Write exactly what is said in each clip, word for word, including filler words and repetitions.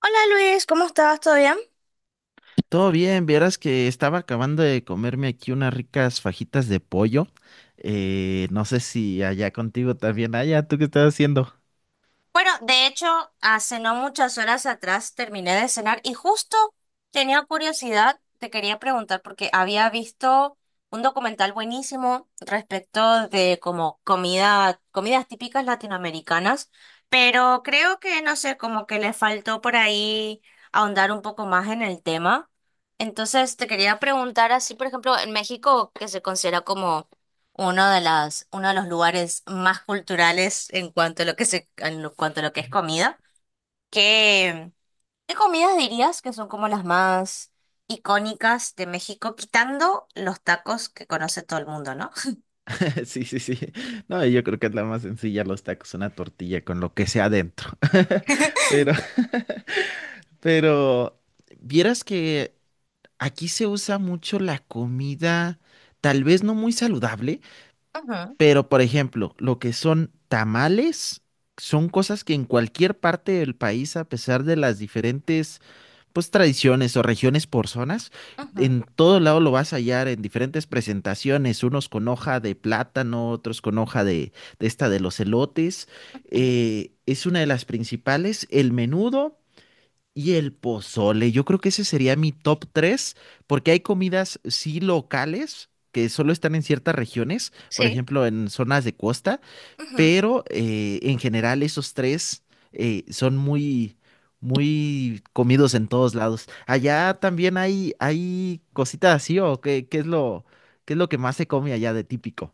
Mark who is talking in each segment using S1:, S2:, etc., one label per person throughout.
S1: Hola Luis, ¿cómo estás? ¿Todo bien?
S2: Todo bien, vieras que estaba acabando de comerme aquí unas ricas fajitas de pollo. Eh, no sé si allá contigo también. Allá, ¿tú qué estás haciendo?
S1: Bueno, de hecho, hace no muchas horas atrás terminé de cenar y justo tenía curiosidad, te quería preguntar porque había visto un documental buenísimo respecto de como comida, comidas típicas latinoamericanas, pero creo que no sé, como que le faltó por ahí ahondar un poco más en el tema. Entonces, te quería preguntar así, por ejemplo, en México, que se considera como uno de las, uno de los lugares más culturales en cuanto a lo que se, en lo- cuanto a lo que es comida. ¿Qué, qué comidas dirías que son como las más icónicas de México, quitando los tacos que conoce todo el mundo, ¿no?
S2: Sí, sí, sí. No, yo creo que es la más sencilla, los tacos, una tortilla con lo que sea adentro. Pero, pero, vieras que aquí se usa mucho la comida, tal vez no muy saludable,
S1: Ujú,
S2: pero por ejemplo, lo que son tamales. Son cosas que en cualquier parte del país, a pesar de las diferentes pues tradiciones o regiones por zonas.
S1: ujú,
S2: En todo lado lo vas a hallar en diferentes presentaciones, unos con hoja de plátano, otros con hoja de, de esta de los elotes.
S1: ujú.
S2: Eh, es una de las principales, el menudo y el pozole. Yo creo que ese sería mi top tres porque hay comidas sí locales que solo están en ciertas regiones, por
S1: Sí.
S2: ejemplo, en zonas de costa pero eh, en general esos tres eh, son muy, muy comidos en todos lados. Allá también hay, hay cositas así, o qué, qué es lo, qué es lo que más se come allá de típico.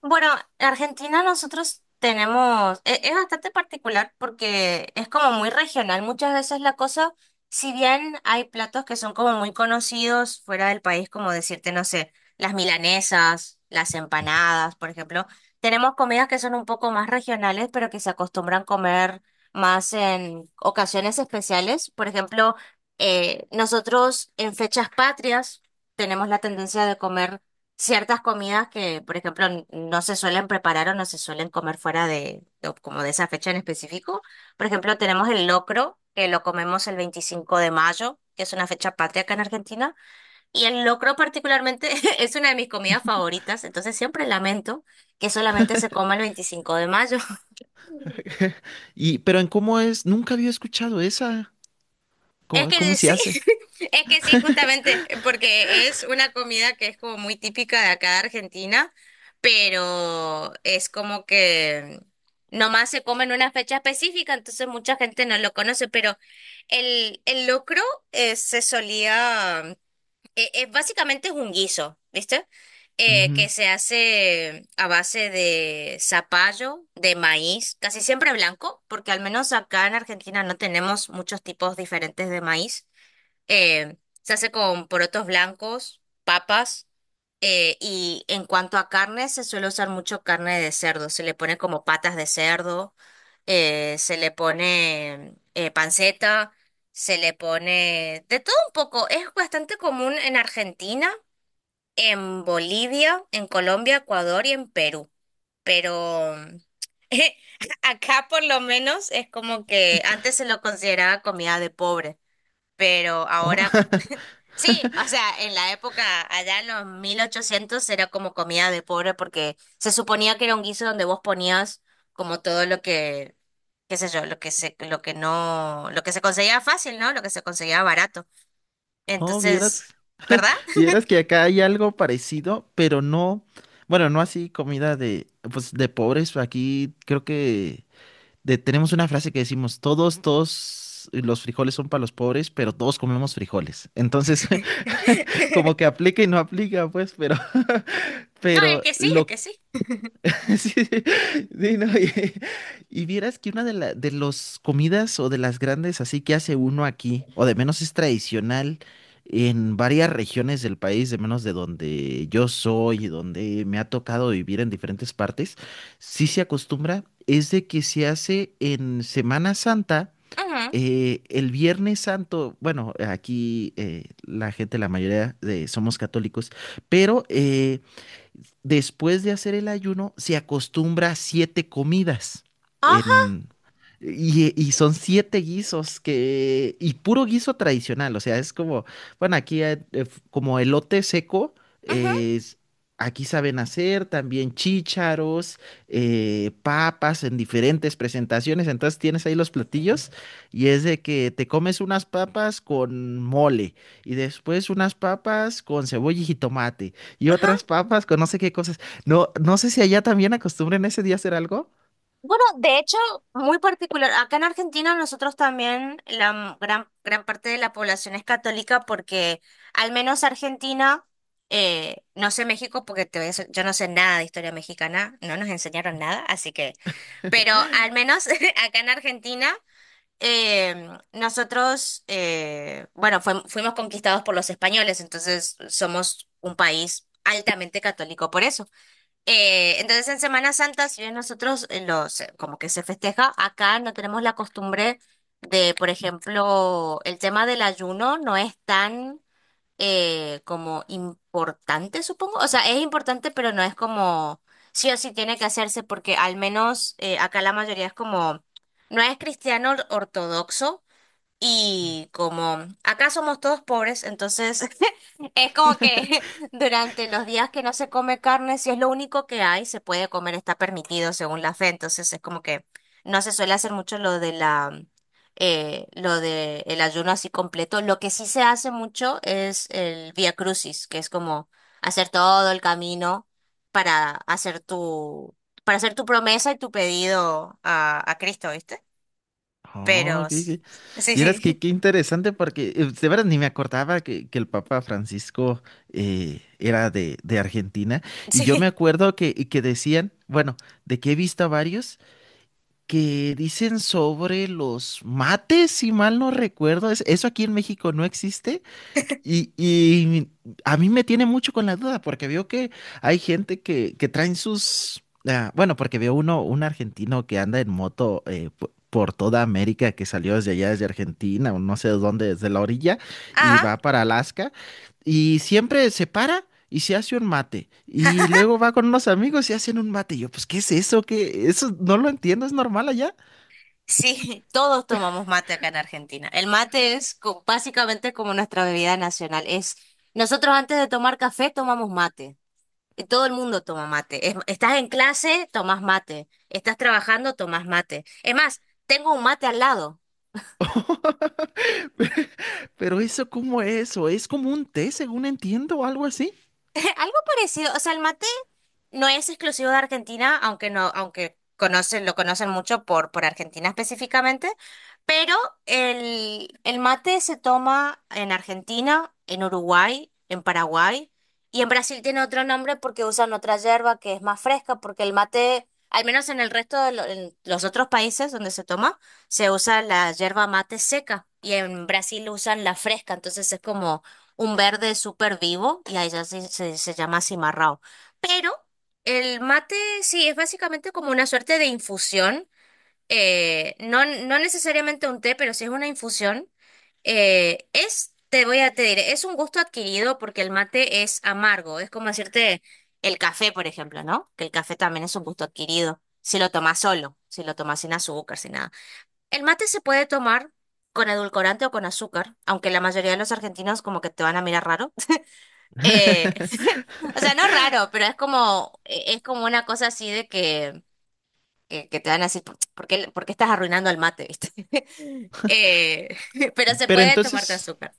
S1: Bueno, en Argentina nosotros tenemos, e- es bastante particular porque es como muy regional. Muchas veces la cosa, si bien hay platos que son como muy conocidos fuera del país, como decirte, no sé, las milanesas, las empanadas, por ejemplo, tenemos comidas que son un poco más regionales, pero que se acostumbran comer más en ocasiones especiales. Por ejemplo, eh, nosotros en fechas patrias tenemos la tendencia de comer ciertas comidas que, por ejemplo, n- no se suelen preparar o no se suelen comer fuera de, de- como de esa fecha en específico. Por ejemplo, tenemos el locro, que lo comemos el veinticinco de mayo, que es una fecha patria acá en Argentina. Y el locro particularmente es una de mis comidas favoritas, entonces siempre lamento que solamente se coma el veinticinco de mayo.
S2: Y, pero en cómo es, nunca había escuchado esa.
S1: Es
S2: ¿Cómo, cómo
S1: que
S2: se
S1: sí,
S2: hace?
S1: es que sí, justamente, porque es una comida que es como muy típica de acá de Argentina, pero es como que nomás se come en una fecha específica, entonces mucha gente no lo conoce, pero el, el locro eh, se solía eh, eh, básicamente es un guiso, ¿viste? Eh, que
S2: Ujú.
S1: se hace a base de zapallo, de maíz, casi siempre blanco, porque al menos acá en Argentina no tenemos muchos tipos diferentes de maíz. Eh, Se hace con porotos blancos, papas. Eh, y en cuanto a carne, se suele usar mucho carne de cerdo. Se le pone como patas de cerdo, eh, se le pone eh, panceta, se le pone de todo un poco. Es bastante común en Argentina, en Bolivia, en Colombia, Ecuador y en Perú. Pero acá por lo menos es como que antes se lo consideraba comida de pobre, pero ahora
S2: Oh,
S1: sí, o sea, en la época, allá en los mil ochocientos era como comida de pobre porque se suponía que era un guiso donde vos ponías como todo lo que, qué sé yo, lo que se, lo que no, lo que se conseguía fácil, ¿no? Lo que se conseguía barato.
S2: oh,
S1: Entonces,
S2: vieras,
S1: ¿verdad?
S2: Vieras que acá hay algo parecido, pero no, bueno, no así comida de, pues, de pobres. Aquí creo que de- tenemos una frase que decimos, todos, todos los frijoles son para los pobres, pero todos comemos frijoles. Entonces, como que aplica y no aplica, pues, pero,
S1: No, es
S2: pero
S1: que sí, es que
S2: lo...
S1: sí.
S2: Sí, sí, no, y, y vieras que una de, la, de los comidas o de las grandes así que hace uno aquí, o de menos es tradicional en varias regiones del país, de menos de donde yo soy y donde me ha tocado vivir en diferentes partes, sí se acostumbra, es de que se hace en Semana Santa
S1: Ujú,
S2: eh, el Viernes Santo, bueno, aquí eh, la gente, la mayoría de, somos católicos, pero eh, después de hacer el ayuno, se acostumbra a siete comidas
S1: ajá,
S2: en, y, y, son siete guisos que, y puro guiso tradicional, o sea, es como, bueno, aquí eh, f- como elote seco,
S1: ujú,
S2: eh, es- aquí saben hacer también chícharos, eh, papas en diferentes presentaciones, entonces tienes ahí los platillos y es de que te comes unas papas con mole y después unas papas con cebolla y jitomate y
S1: ajá.
S2: otras papas con no sé qué cosas. No, no sé si allá también acostumbren ese día a hacer algo.
S1: Bueno, de hecho, muy particular. Acá en Argentina nosotros también la m- gran, gran parte de la población es católica porque al menos Argentina, eh, no sé México porque te voy a ser- yo no sé nada de historia mexicana, no nos enseñaron nada, así que, pero al menos acá en Argentina em, nosotros, eh, bueno, fuim- fuimos conquistados por los españoles, entonces somos un país altamente católico por eso. Eh, entonces en Semana Santa, si bien nosotros eh, los, eh, como que se festeja, acá no tenemos la costumbre de, por ejemplo, el tema del ayuno no es tan eh, como importante, supongo. O sea, es importante, pero no es como sí o sí tiene que hacerse porque al menos eh, acá la mayoría es como, no es cristiano ortodoxo y como acá somos todos pobres, entonces es como que durante los días que no se come carne, si es lo único que hay, se puede comer, está permitido según la fe. Entonces es como que no se suele hacer mucho lo de la eh, lo de el ayuno así completo. Lo que sí se hace mucho es el Vía Crucis, que es como hacer todo el camino para hacer tu para hacer tu promesa y tu pedido a, a Cristo, ¿viste?
S2: Oh,
S1: Pero
S2: qué,
S1: s-
S2: qué-
S1: sí,
S2: Vieras que
S1: sí.
S2: qué interesante porque eh, de verdad ni me acordaba que, que el Papa Francisco eh, era de, de Argentina. Y yo me
S1: Sí.
S2: acuerdo que, que decían, bueno, de que he visto a varios que dicen sobre los mates, si mal no recuerdo. ¿Es- ¿Eso aquí en México no existe? Y, y a mí me tiene mucho con la duda, porque veo que hay gente que, que traen sus... ah, bueno, porque veo uno, un argentino que anda en moto eh, po- por toda América, que salió desde allá, desde Argentina, o no sé de dónde, desde la orilla, y
S1: Ah,
S2: va para Alaska, y siempre se para y se hace un mate, y luego va con unos amigos y hacen un mate. Y yo, pues, ¿qué es eso? ¿Qué? Eso no lo entiendo, es normal allá,
S1: sí, todos tomamos mate acá en Argentina. El mate es co- básicamente como nuestra bebida nacional. Es, nosotros antes de tomar café tomamos mate. Y todo el mundo toma mate. Es- estás en clase, tomas mate. Estás trabajando, tomas mate. Es más, tengo un mate al lado.
S2: pero eso, ¿cómo es? ¿O es como un té, según entiendo, o algo así?
S1: Algo parecido, o sea, el mate no es exclusivo de Argentina, aunque no, aunque conocen, lo conocen mucho por, por Argentina específicamente, pero el, el mate se toma en Argentina, en Uruguay, en Paraguay, y en Brasil tiene otro nombre porque usan otra yerba que es más fresca, porque el mate, al menos en el resto de lo- en los otros países donde se toma, se usa la yerba mate seca, y en Brasil usan la fresca, entonces es como un verde súper vivo y a ella se, se- se llama cimarrao. Pero el mate sí es básicamente como una suerte de infusión, eh, no, no necesariamente un té, pero sí es una infusión. Eh, es, te voy a Te diré, es un gusto adquirido porque el mate es amargo, es como decirte el café, por ejemplo, ¿no? Que el café también es un gusto adquirido, si lo tomas solo, si lo tomas sin azúcar, sin nada. El mate se puede tomar con edulcorante o con azúcar, aunque la mayoría de los argentinos como que te van a mirar raro. Eh, o sea, no raro, pero es como, e- es como una cosa así de que, que, que te van a decir, ¿por por qué, por qué estás arruinando el mate, viste? Eh, pero se
S2: Pero
S1: puede tomar con
S2: entonces,
S1: azúcar.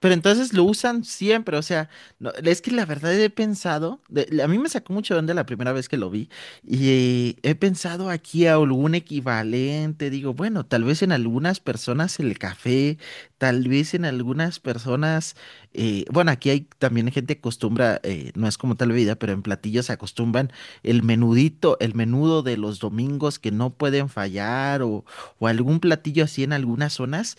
S2: Pero entonces lo usan siempre, o sea, no, es que la verdad he pensado, de- a mí me sacó mucho de onda la primera vez que lo vi y he pensado aquí a algún equivalente, digo, bueno, tal vez en algunas personas el café, tal vez en algunas personas, eh, bueno, aquí hay también gente que acostumbra, eh, no es como tal bebida, pero en platillos se acostumbran el menudito, el menudo de los domingos que no pueden fallar o, o algún platillo así en algunas zonas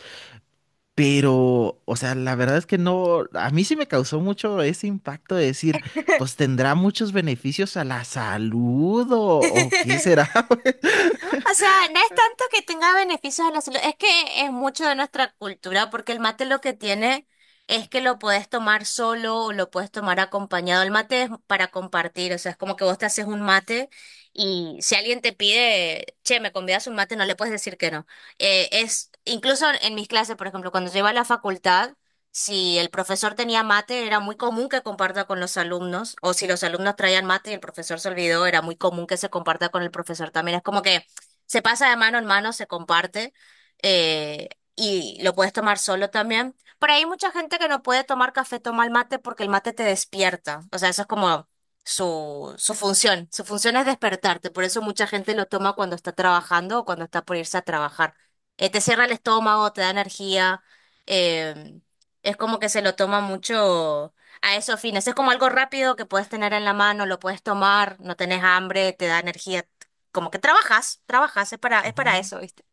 S2: pero, o sea, la verdad es que no, a mí sí me causó mucho ese impacto de decir, pues tendrá muchos beneficios a la salud o, o qué será.
S1: O sea, no es tanto que tenga beneficios a la salud, es que es mucho de nuestra cultura, porque el mate lo que tiene es que lo puedes tomar solo o lo puedes tomar acompañado. El mate es para compartir, o sea, es como que vos te haces un mate y si alguien te pide, che, me convidas un mate, no le puedes decir que no. Eh, es, incluso en mis clases, por ejemplo, cuando yo iba a la facultad, si el profesor tenía mate, era muy común que comparta con los alumnos, o si los alumnos traían mate y el profesor se olvidó, era muy común que se comparta con el profesor también. Es como que se pasa de mano en mano, se comparte eh, y lo puedes tomar solo también. Pero hay mucha gente que no puede tomar café, toma el mate porque el mate te despierta. O sea, eso es como su, su función. Su función es despertarte. Por eso mucha gente lo toma cuando está trabajando o cuando está por irse a trabajar. Eh, te cierra el estómago, te da energía. eh, es como que se lo toma mucho a esos fines. Es como algo rápido que puedes tener en la mano, lo puedes tomar, no tenés hambre, te da energía como que trabajas, trabajas, es para, es para
S2: Ujú.
S1: eso, ¿viste?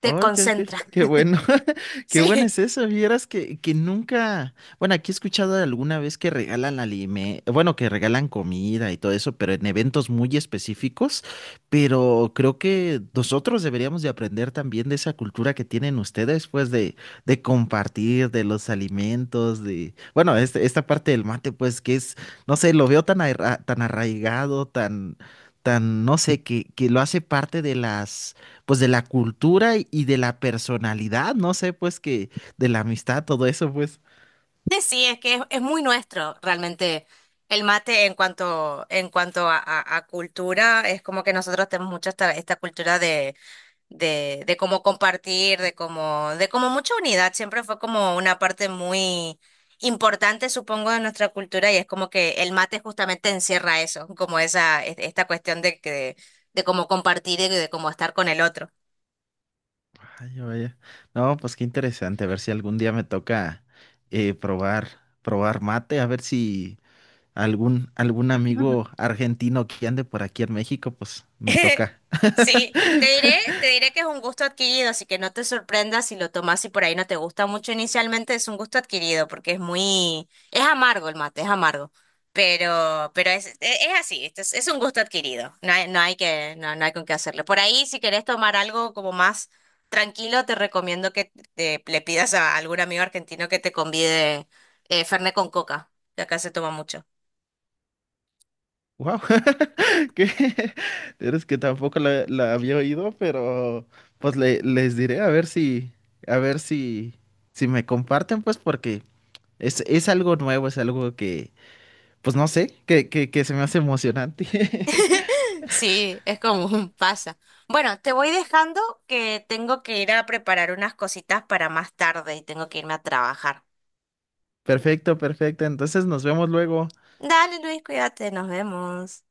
S1: Te
S2: Ay, qué, qué-
S1: concentras.
S2: qué bueno, qué bueno
S1: Sí,
S2: es eso vieras que, que nunca, bueno, aquí he escuchado de alguna vez que regalan alime, bueno, que regalan comida y todo eso, pero en eventos muy específicos, pero creo que nosotros deberíamos de aprender también de esa cultura que tienen ustedes, pues, de, de compartir, de los alimentos, de, bueno, este- esta parte del mate, pues, que es, no sé, lo veo tan, arra- tan arraigado, tan, tan, no sé, que, que lo hace parte de las pues de la cultura y y de la personalidad, no sé, pues que de la amistad, todo eso, pues.
S1: sí, sí, es que es, es muy nuestro realmente el mate en cuanto, en cuanto a, a- a cultura, es como que nosotros tenemos mucho esta, esta cultura de, de, de cómo compartir, de cómo, de como mucha unidad, siempre fue como una parte muy importante, supongo, de nuestra cultura y es como que el mate justamente encierra eso, como esa, es- esta cuestión de que, de cómo compartir y de cómo estar con el otro.
S2: Ay, vaya. No, pues qué interesante, a ver si algún día me toca eh, probar, probar mate, a ver si algún, algún amigo argentino que ande por aquí en México, pues me toca.
S1: Sí, te diré, te diré que es un gusto adquirido, así que no te sorprendas si lo tomas y por ahí no te gusta mucho inicialmente, es un gusto adquirido porque es muy, es amargo el mate, es amargo, pero, pero es, es, es así, esto es, es un gusto adquirido, no hay, no hay que, no, no hay con qué hacerle. Por ahí, si querés tomar algo como más tranquilo, te recomiendo que te- le pidas a algún amigo argentino que te convide eh, Fernet con coca, que acá se toma mucho.
S2: Wow, que es que tampoco la, la había oído, pero pues le- les diré a ver si, a ver si, si me comparten, pues porque es, es algo nuevo, es algo que, pues no sé, que, que, que se me hace emocionante.
S1: Sí, es común, pasa. Bueno, te voy dejando que tengo que ir a preparar unas cositas para más tarde y tengo que irme a trabajar.
S2: Perfecto, perfecto. Entonces nos vemos luego.
S1: Dale, Luis, cuídate, nos vemos.